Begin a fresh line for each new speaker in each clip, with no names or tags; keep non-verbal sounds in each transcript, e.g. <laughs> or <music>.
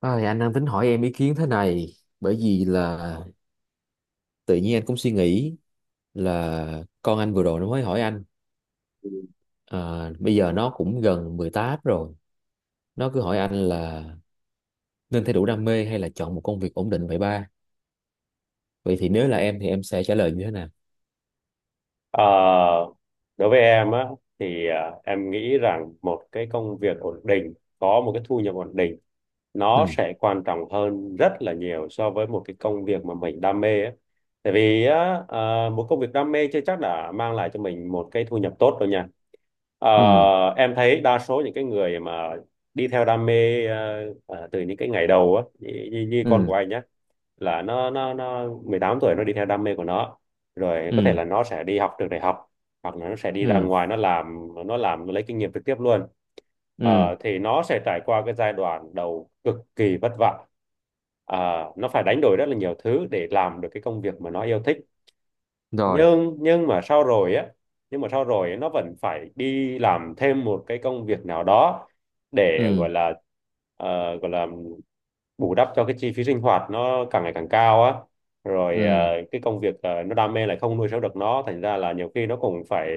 Ôi, anh đang tính hỏi em ý kiến thế này, bởi vì là tự nhiên anh cũng suy nghĩ là con anh vừa rồi nó mới hỏi anh. À, bây giờ nó cũng gần 18 rồi, nó cứ hỏi anh là nên theo đuổi đam mê hay là chọn một công việc ổn định, vậy ba? Vậy thì nếu là em thì em sẽ trả lời như thế nào?
Ờ, Đối với em á thì em nghĩ rằng một cái công việc ổn định có một cái thu nhập ổn định nó
Ừ.
sẽ quan trọng hơn rất là nhiều so với một cái công việc mà mình đam mê á. Tại vì á, một công việc đam mê chưa chắc đã mang lại cho mình một cái thu nhập tốt đâu nha. Ờ,
Ừ.
em thấy đa số những cái người mà đi theo đam mê từ những cái ngày đầu á, như con của
Ừ.
anh á, là nó 18 tuổi, nó đi theo đam mê của nó, rồi có thể
Ừ.
là nó sẽ đi học trường đại học hoặc là nó sẽ đi ra
Ừ.
ngoài, nó làm, nó lấy kinh nghiệm trực tiếp luôn.
Ừ.
Thì nó sẽ trải qua cái giai đoạn đầu cực kỳ vất vả. Ờ, nó phải đánh đổi rất là nhiều thứ để làm được cái công việc mà nó yêu thích.
Rồi.
nhưng nhưng mà sau rồi á nhưng mà sau rồi nó vẫn phải đi làm thêm một cái công việc nào đó để gọi
Ừ.
là ờ, gọi là bù đắp cho cái chi phí sinh hoạt nó càng ngày càng cao á. Rồi
Ừ.
cái công việc nó đam mê lại không nuôi sống được nó, thành ra là nhiều khi nó cũng phải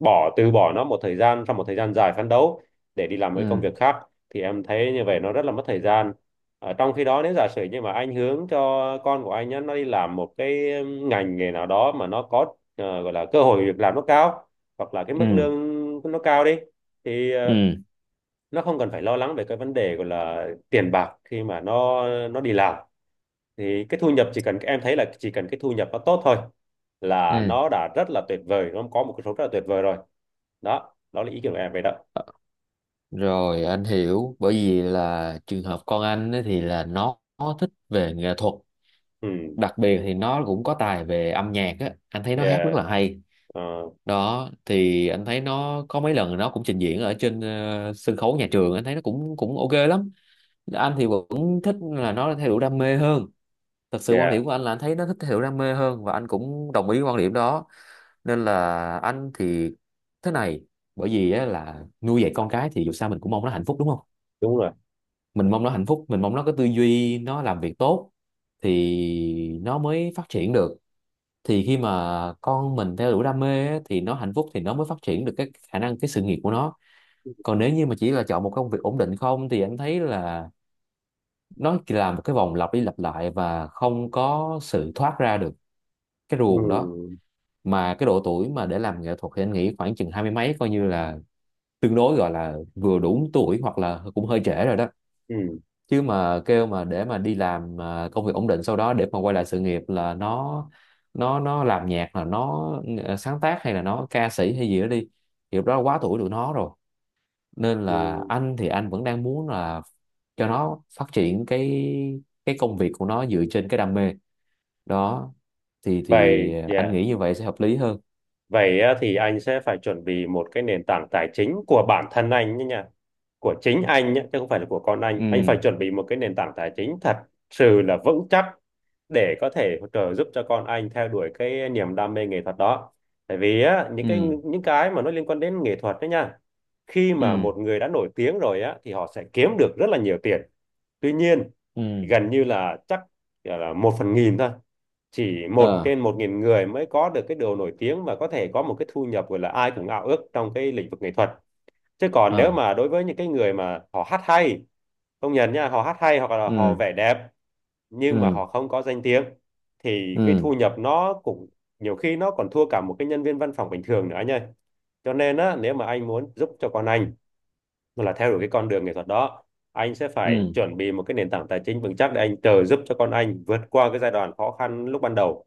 từ bỏ nó một thời gian, sau một thời gian dài phấn đấu để đi làm cái công
Ừ.
việc khác. Thì em thấy như vậy nó rất là mất thời gian. Trong khi đó, nếu giả sử như mà anh hướng cho con của anh á, nó đi làm một cái ngành nghề nào đó mà nó có, gọi là cơ hội việc làm nó cao hoặc là cái mức
Ừ.
lương nó cao đi, thì
Ừ.
nó không cần phải lo lắng về cái vấn đề gọi là tiền bạc khi mà nó đi làm. Thì cái thu nhập, chỉ cần em thấy là chỉ cần cái thu nhập nó tốt thôi là
Ừ.
nó đã rất là tuyệt vời, nó có một cái số rất là tuyệt vời rồi. Đó đó là ý kiến của em về đó.
Rồi. Anh hiểu. Bởi vì là trường hợp con anh ấy thì là nó thích về nghệ thuật,
Ừ,
đặc biệt thì nó cũng có tài về âm nhạc á, anh thấy nó hát rất
yeah,
là hay.
ờ,
Đó thì anh thấy nó có mấy lần nó cũng trình diễn ở trên sân khấu nhà trường, anh thấy nó cũng cũng ok lắm. Anh thì vẫn thích là nó theo đuổi đam mê hơn. Thật sự quan
yeah,
điểm của anh là anh thấy nó thích theo đuổi đam mê hơn và anh cũng đồng ý quan điểm đó. Nên là anh thì thế này. Bởi vì á, là nuôi dạy con cái thì dù sao mình cũng mong nó hạnh phúc, đúng không?
đúng rồi,
Mình mong nó hạnh phúc, mình mong nó có tư duy, nó làm việc tốt thì nó mới phát triển được. Thì khi mà con mình theo đuổi đam mê á, thì nó hạnh phúc thì nó mới phát triển được cái khả năng, cái sự nghiệp của nó. Còn nếu như mà chỉ là chọn một công việc ổn định không thì anh thấy là nó chỉ là một cái vòng lặp đi lặp lại và không có sự thoát ra được cái ruồng đó.
ừ,
Mà cái độ tuổi mà để làm nghệ thuật thì anh nghĩ khoảng chừng hai mươi mấy, coi như là tương đối gọi là vừa đủ tuổi hoặc là cũng hơi trễ rồi đó.
ừ,
Chứ mà kêu mà để mà đi làm công việc ổn định sau đó để mà quay lại sự nghiệp là nó làm nhạc là nó ừ, sáng tác hay là nó ca sĩ hay gì đó đi thì lúc đó quá tuổi tụi nó rồi. Nên là
ừ.
anh thì anh vẫn đang muốn là cho nó phát triển cái công việc của nó dựa trên cái đam mê đó thì
Vậy
anh
yeah.
nghĩ như vậy sẽ hợp lý hơn.
Vậy á, thì anh sẽ phải chuẩn bị một cái nền tảng tài chính của bản thân anh nhé nha. Của chính anh nhé, chứ không phải là của con anh. Anh phải
Ừ.
chuẩn bị một cái nền tảng tài chính thật sự là vững chắc để có thể trợ giúp cho con anh theo đuổi cái niềm đam mê nghệ thuật đó. Tại vì á, những cái
Ừ.
những cái mà nó liên quan đến nghệ thuật đó nha. Khi mà
Ừ.
một người đã nổi tiếng rồi á, thì họ sẽ kiếm được rất là nhiều tiền. Tuy nhiên,
Ừ.
gần như là chắc là 1/1000 thôi, chỉ một
Ờ.
trên một nghìn người mới có được cái điều nổi tiếng và có thể có một cái thu nhập gọi là ai cũng ao ước trong cái lĩnh vực nghệ thuật. Chứ còn nếu
Ờ.
mà đối với những cái người mà họ hát hay, công nhận nha, họ hát hay hoặc là họ
Ừ.
vẽ đẹp, nhưng mà
Ừ.
họ không có danh tiếng, thì cái
Ừ.
thu nhập nó cũng nhiều khi nó còn thua cả một cái nhân viên văn phòng bình thường nữa nha. Cho nên á, nếu mà anh muốn giúp cho con anh mà là theo đuổi cái con đường nghệ thuật đó, anh sẽ phải
Ừ.
chuẩn bị một cái nền tảng tài chính vững chắc để anh trợ giúp cho con anh vượt qua cái giai đoạn khó khăn lúc ban đầu.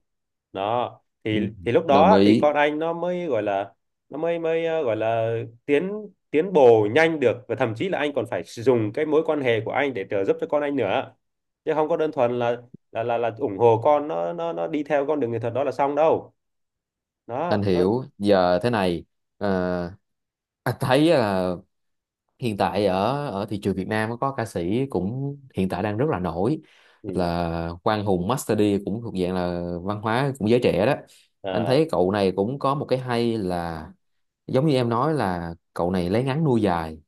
Đó
Ừ.
thì lúc
Đồng
đó thì
ý.
con anh nó mới gọi là, nó mới mới ờ, gọi là tiến tiến bộ nhanh được, và thậm chí là anh còn phải sử dụng cái mối quan hệ của anh để trợ giúp cho con anh nữa, chứ không có đơn thuần là là ủng hộ con, nó đi theo con đường nghệ thuật đó là xong đâu.
Anh
Đó nó.
hiểu giờ thế này. ờ, anh thấy là hiện tại ở ở thị trường Việt Nam có ca sĩ cũng hiện tại đang rất là nổi,
Ừ.
là Quang Hùng Master D, cũng thuộc dạng là văn hóa cũng giới trẻ đó. Anh
À,
thấy cậu này cũng có một cái hay là giống như em nói, là cậu này lấy ngắn nuôi dài.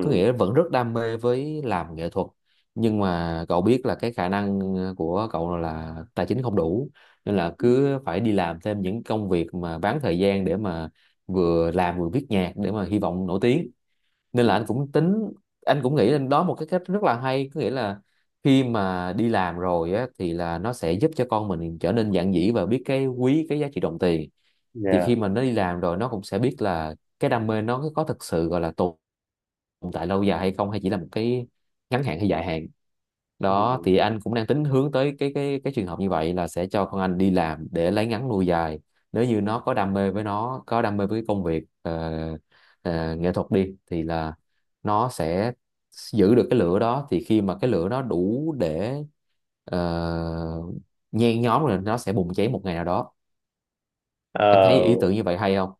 Có nghĩa vẫn rất đam mê với làm nghệ thuật, nhưng mà cậu biết là cái khả năng của cậu là tài chính không đủ, nên là
ừ,
cứ phải đi làm thêm những công việc mà bán thời gian để mà vừa làm vừa viết nhạc để mà hy vọng nổi tiếng. Nên
ừ,
là anh cũng tính, anh cũng nghĩ lên đó một cái cách rất là hay, có nghĩa là khi mà đi làm rồi á, thì là nó sẽ giúp cho con mình trở nên dạn dĩ và biết cái quý cái giá trị đồng tiền. Thì
yeah.
khi mà nó đi làm rồi nó cũng sẽ biết là cái đam mê nó có thực sự gọi là tồn tồn tại lâu dài hay không, hay chỉ là một cái ngắn hạn hay dài hạn. Đó
Ừ.
thì anh cũng đang tính hướng tới cái trường hợp như vậy là sẽ cho con anh đi làm để lấy ngắn nuôi dài. Nếu như nó có đam mê với cái công việc nghệ thuật đi thì là nó sẽ giữ được cái lửa, đó thì khi mà cái lửa nó đủ để ờ, nhen nhóm rồi nó sẽ bùng cháy một ngày nào đó. Em thấy
Ờ,
ý tưởng như vậy hay không?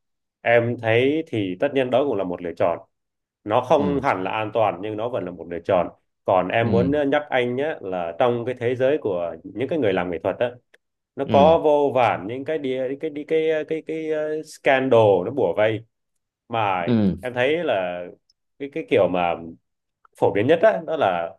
Em thấy thì tất nhiên đó cũng là một lựa chọn. Nó không
Ừ.
hẳn là an toàn nhưng nó vẫn là một lựa chọn. Còn em muốn
Ừ.
nhắc anh nhé, là trong cái thế giới của những cái người làm nghệ thuật á, nó
Ừ.
có vô vàn những cái đi cái đi cái, scandal nó bủa vây. Mà
Ừ.
em thấy là cái kiểu mà phổ biến nhất á, đó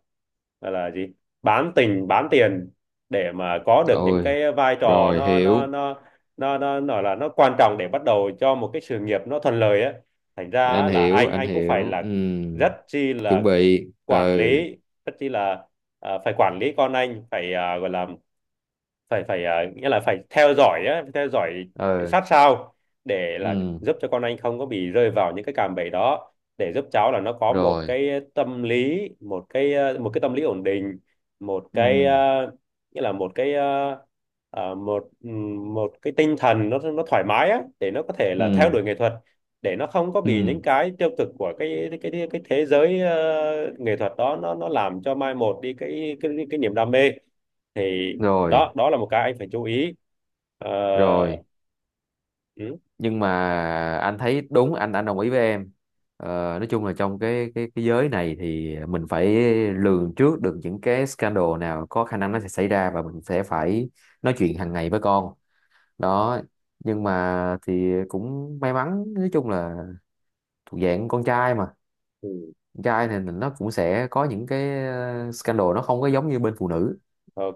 là gì bán tình bán tiền để mà có được những
Ôi.
cái vai trò,
Rồi.
nó nó
Hiểu.
nó nó nó nói là nó quan trọng để bắt đầu cho một cái sự nghiệp nó thuận lợi á. Thành ra
Anh
á, là
hiểu,
anh
anh
anh cũng phải
hiểu.
là
Ừ.
rất chi
Chuẩn
là
bị.
quản
Ừ.
lý, rất chi là, phải quản lý con anh, phải gọi là phải phải à, nghĩa là phải theo dõi á, theo dõi
Ừ.
sát sao để là
Ừ.
giúp cho con anh không có bị rơi vào những cái cạm bẫy đó. Để giúp cháu là nó có một
Rồi.
cái tâm lý, một cái một cái tâm lý ổn định, một cái
Ừ.
nghĩa là một cái một một cái tinh thần nó thoải mái á, để nó có thể là theo
Ừ.
đuổi nghệ thuật, để nó không có bị
Ừ.
những cái tiêu cực của cái thế giới nghệ thuật đó nó làm cho mai một đi cái niềm đam mê. Thì đó,
Rồi.
đó là một cái anh phải chú ý. Ờ,
Rồi.
ừ,
Nhưng mà anh thấy đúng, anh đồng ý với em. ờ, nói chung là trong cái giới này thì mình phải lường trước được những cái scandal nào có khả năng nó sẽ xảy ra và mình sẽ phải nói chuyện hàng ngày với con đó. Nhưng mà thì cũng may mắn, nói chung là thuộc dạng con trai mà,
ừ,
trai thì nó cũng sẽ có những cái scandal nó không có giống như bên phụ nữ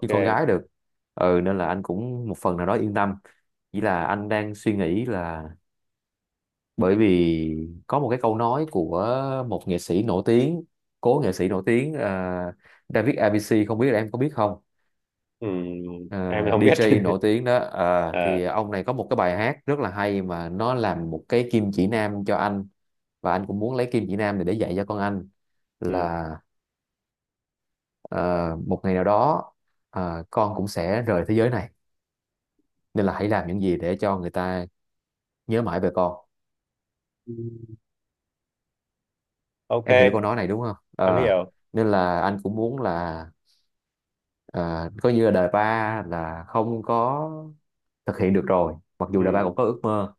như con gái được. Ừ, nên là anh cũng một phần nào đó yên tâm, chỉ là anh đang suy nghĩ là bởi vì có một cái câu nói của một nghệ sĩ nổi tiếng, cố nghệ sĩ nổi tiếng, David ABC, không biết là em có biết không?
ừ,
Ờ,
em không biết.
DJ nổi
<laughs>
tiếng đó,
Ờ,
thì ông này có một cái bài hát rất là hay mà nó làm một cái kim chỉ nam cho anh. Và anh cũng muốn lấy kim chỉ nam này để dạy cho con anh,
ừ.
là: Ờ, một ngày nào đó con cũng sẽ rời thế giới này, nên là hãy làm những gì để cho người ta nhớ mãi về con.
Ok.
Em hiểu câu nói này đúng không?
Em
Ờ,
hiểu.
nên là anh cũng muốn là ờ, coi như là đời ba là không có thực hiện được rồi, mặc dù là ba cũng
Ừ.
có ước mơ.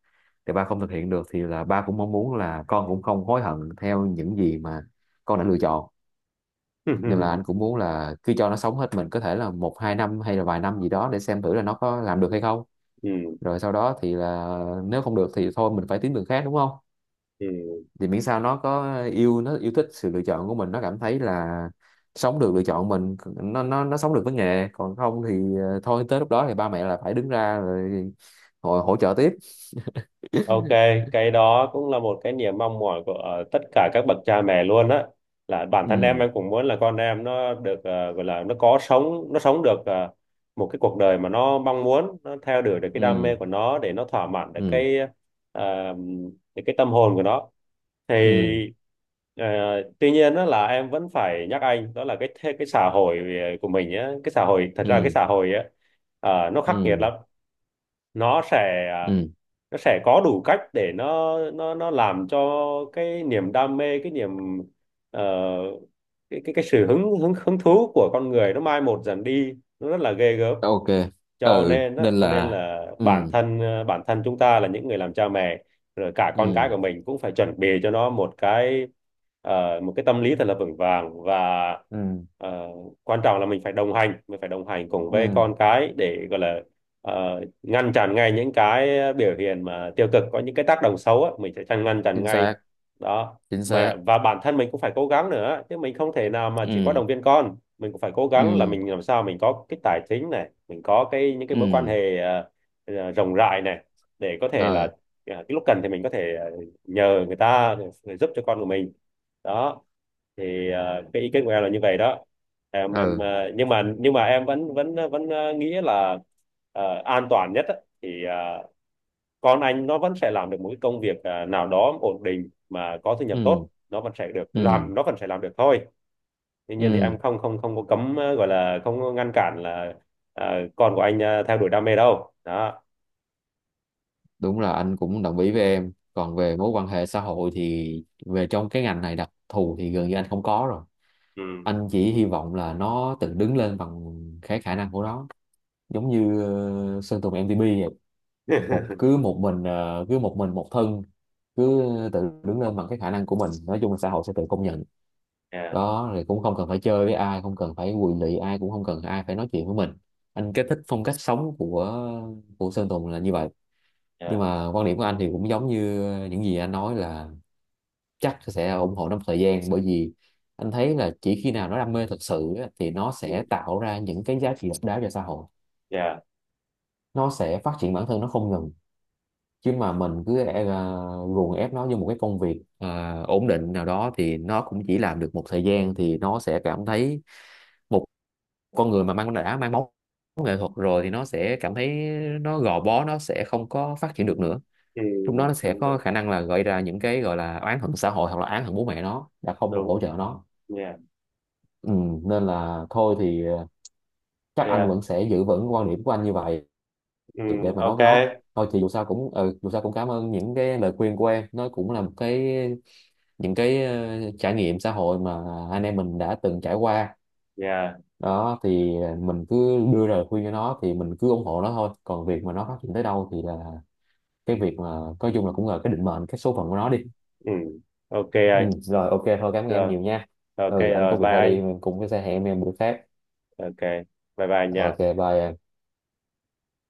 Thì ba không thực hiện được thì là ba cũng mong muốn là con cũng không hối hận theo những gì mà con đã lựa chọn. Nên là
<laughs>
anh cũng muốn là cứ cho nó sống hết mình, có thể là một hai năm hay là vài năm gì đó, để xem thử là nó có làm được hay không.
Ừ.
Rồi sau đó thì là nếu không được thì thôi mình phải tìm đường khác, đúng không?
Ừ.
Thì miễn sao nó yêu thích sự lựa chọn của mình, nó cảm thấy là sống được lựa chọn mình, nó sống được với nghề. Còn không thì thôi tới lúc đó thì ba mẹ là phải đứng ra rồi hỗ trợ tiếp.
Ok, cái đó cũng là một cái niềm mong mỏi của tất cả các bậc cha mẹ luôn á. Là bản thân em
Ừ.
em cũng muốn là con em nó được, gọi là nó có sống, nó sống được một cái cuộc đời mà nó mong muốn, nó theo đuổi được cái đam
Ừ.
mê của nó, để nó thỏa mãn được
Ừ.
cái ờ, được cái tâm hồn của nó. Thì
Ừ.
ờ, tuy nhiên đó, là em vẫn phải nhắc anh, đó là cái xã hội của mình á, cái xã hội, thật ra cái
Ừ.
xã hội á, nó khắc nghiệt
Ừ.
lắm. Nó sẽ,
Ừ.
nó sẽ có đủ cách để nó làm cho cái niềm đam mê, cái niềm ờ, cái cái sự hứng hứng hứng thú của con người nó mai một dần đi, nó rất là ghê gớm.
Ok.
Cho
Ừ.
nên á,
Nên
cho nên
là.
là bản
Ừ.
thân, bản thân chúng ta là những người làm cha mẹ, rồi cả con cái của
Ừ.
mình cũng phải chuẩn bị cho nó một cái, một cái tâm lý thật là vững vàng. Và
Ừ.
ờ, quan trọng là mình phải đồng hành, mình phải đồng hành cùng với
Ừ.
con cái để gọi là, ngăn chặn ngay những cái biểu hiện mà tiêu cực có những cái tác động xấu á, mình sẽ chặn, ngăn chặn
Chính
ngay.
xác.
Đó.
Chính
Mà
xác.
và bản thân mình cũng phải cố gắng nữa, chứ mình không thể nào mà chỉ có
Ừ.
động viên con, mình cũng phải cố gắng là
Ừ.
mình làm sao mình có cái tài chính này, mình có cái những cái
Ừ.
mối quan hệ rộng rãi này, để có thể là,
Ờ.
cái lúc cần thì mình có thể nhờ người ta để giúp cho con của mình. Đó. Thì cái ý kiến của em là như vậy đó. Em, em
Ờ.
ờ, nhưng mà, nhưng mà em vẫn, vẫn nghĩ là an toàn nhất á, thì con anh nó vẫn sẽ làm được một cái công việc nào đó ổn định mà có thu nhập
Ừ.
tốt, nó vẫn sẽ được
Ừ.
làm, nó vẫn sẽ làm được thôi. Tuy nhiên thì em
Ừ.
không không không có cấm, gọi là không có ngăn cản là ờ, con của anh theo đuổi đam mê đâu đó.
Đúng là anh cũng đồng ý với em. Còn về mối quan hệ xã hội thì về trong cái ngành này đặc thù thì gần như anh không có rồi.
Ừ.
Anh chỉ hy vọng là nó tự đứng lên bằng cái khả năng của nó, giống như Sơn Tùng MTP vậy. một
<laughs>
cứ một mình, cứ một mình một thân, cứ tự đứng lên bằng cái khả năng của mình, nói chung là xã hội sẽ tự công nhận.
Yeah.
Đó thì cũng không cần phải chơi với ai, không cần phải quỳ lị ai, cũng không cần ai phải nói chuyện với mình. Anh cái thích phong cách sống của Sơn Tùng là như vậy. Nhưng
Yeah.
mà quan điểm của anh thì cũng giống như những gì anh nói, là chắc sẽ ủng hộ nó một thời gian, bởi vì anh thấy là chỉ khi nào nó đam mê thật sự á, thì nó
Ừ,
sẽ tạo ra những cái giá trị độc đáo cho xã hội,
yeah.
nó sẽ phát triển bản thân nó không ngừng. Chứ mà mình cứ ruồng ép nó như một cái công việc ổn định nào đó thì nó cũng chỉ làm được một thời gian thì nó sẽ cảm thấy, một con người mà đã mang máu nghệ thuật rồi thì nó sẽ cảm thấy nó gò bó, nó sẽ không có phát triển được nữa.
Ừ,
Lúc đó nó sẽ
đúng,
có
đúng,
khả năng là gợi ra những cái gọi là oán hận xã hội hoặc là oán hận bố mẹ nó đã không
đúng.
hỗ trợ nó.
Yeah.
Ừ, nên là thôi thì chắc anh
Yeah.
vẫn sẽ giữ vững quan điểm của anh như vậy
Ừ,
để mà nói
ok.
với nó. Thôi thì dù sao cũng cảm ơn những cái lời khuyên của em, nó cũng là một cái, những cái trải nghiệm xã hội mà anh em mình đã từng trải qua.
Yeah.
Đó thì mình cứ đưa ra lời khuyên cho nó thì mình cứ ủng hộ nó thôi, còn việc mà nó phát triển tới đâu thì là cái việc mà nói chung là cũng là cái định mệnh, cái số phận của nó đi.
Ừ. Ok
Ừ,
anh.
rồi ok thôi, cảm ơn em
Rồi.
nhiều nha.
Ok
Ừ, anh có
rồi,
việc
bye
phải
anh.
đi, mình cũng sẽ hẹn em bữa khác.
Ok. Bye bye anh nha.
Ok, bye em.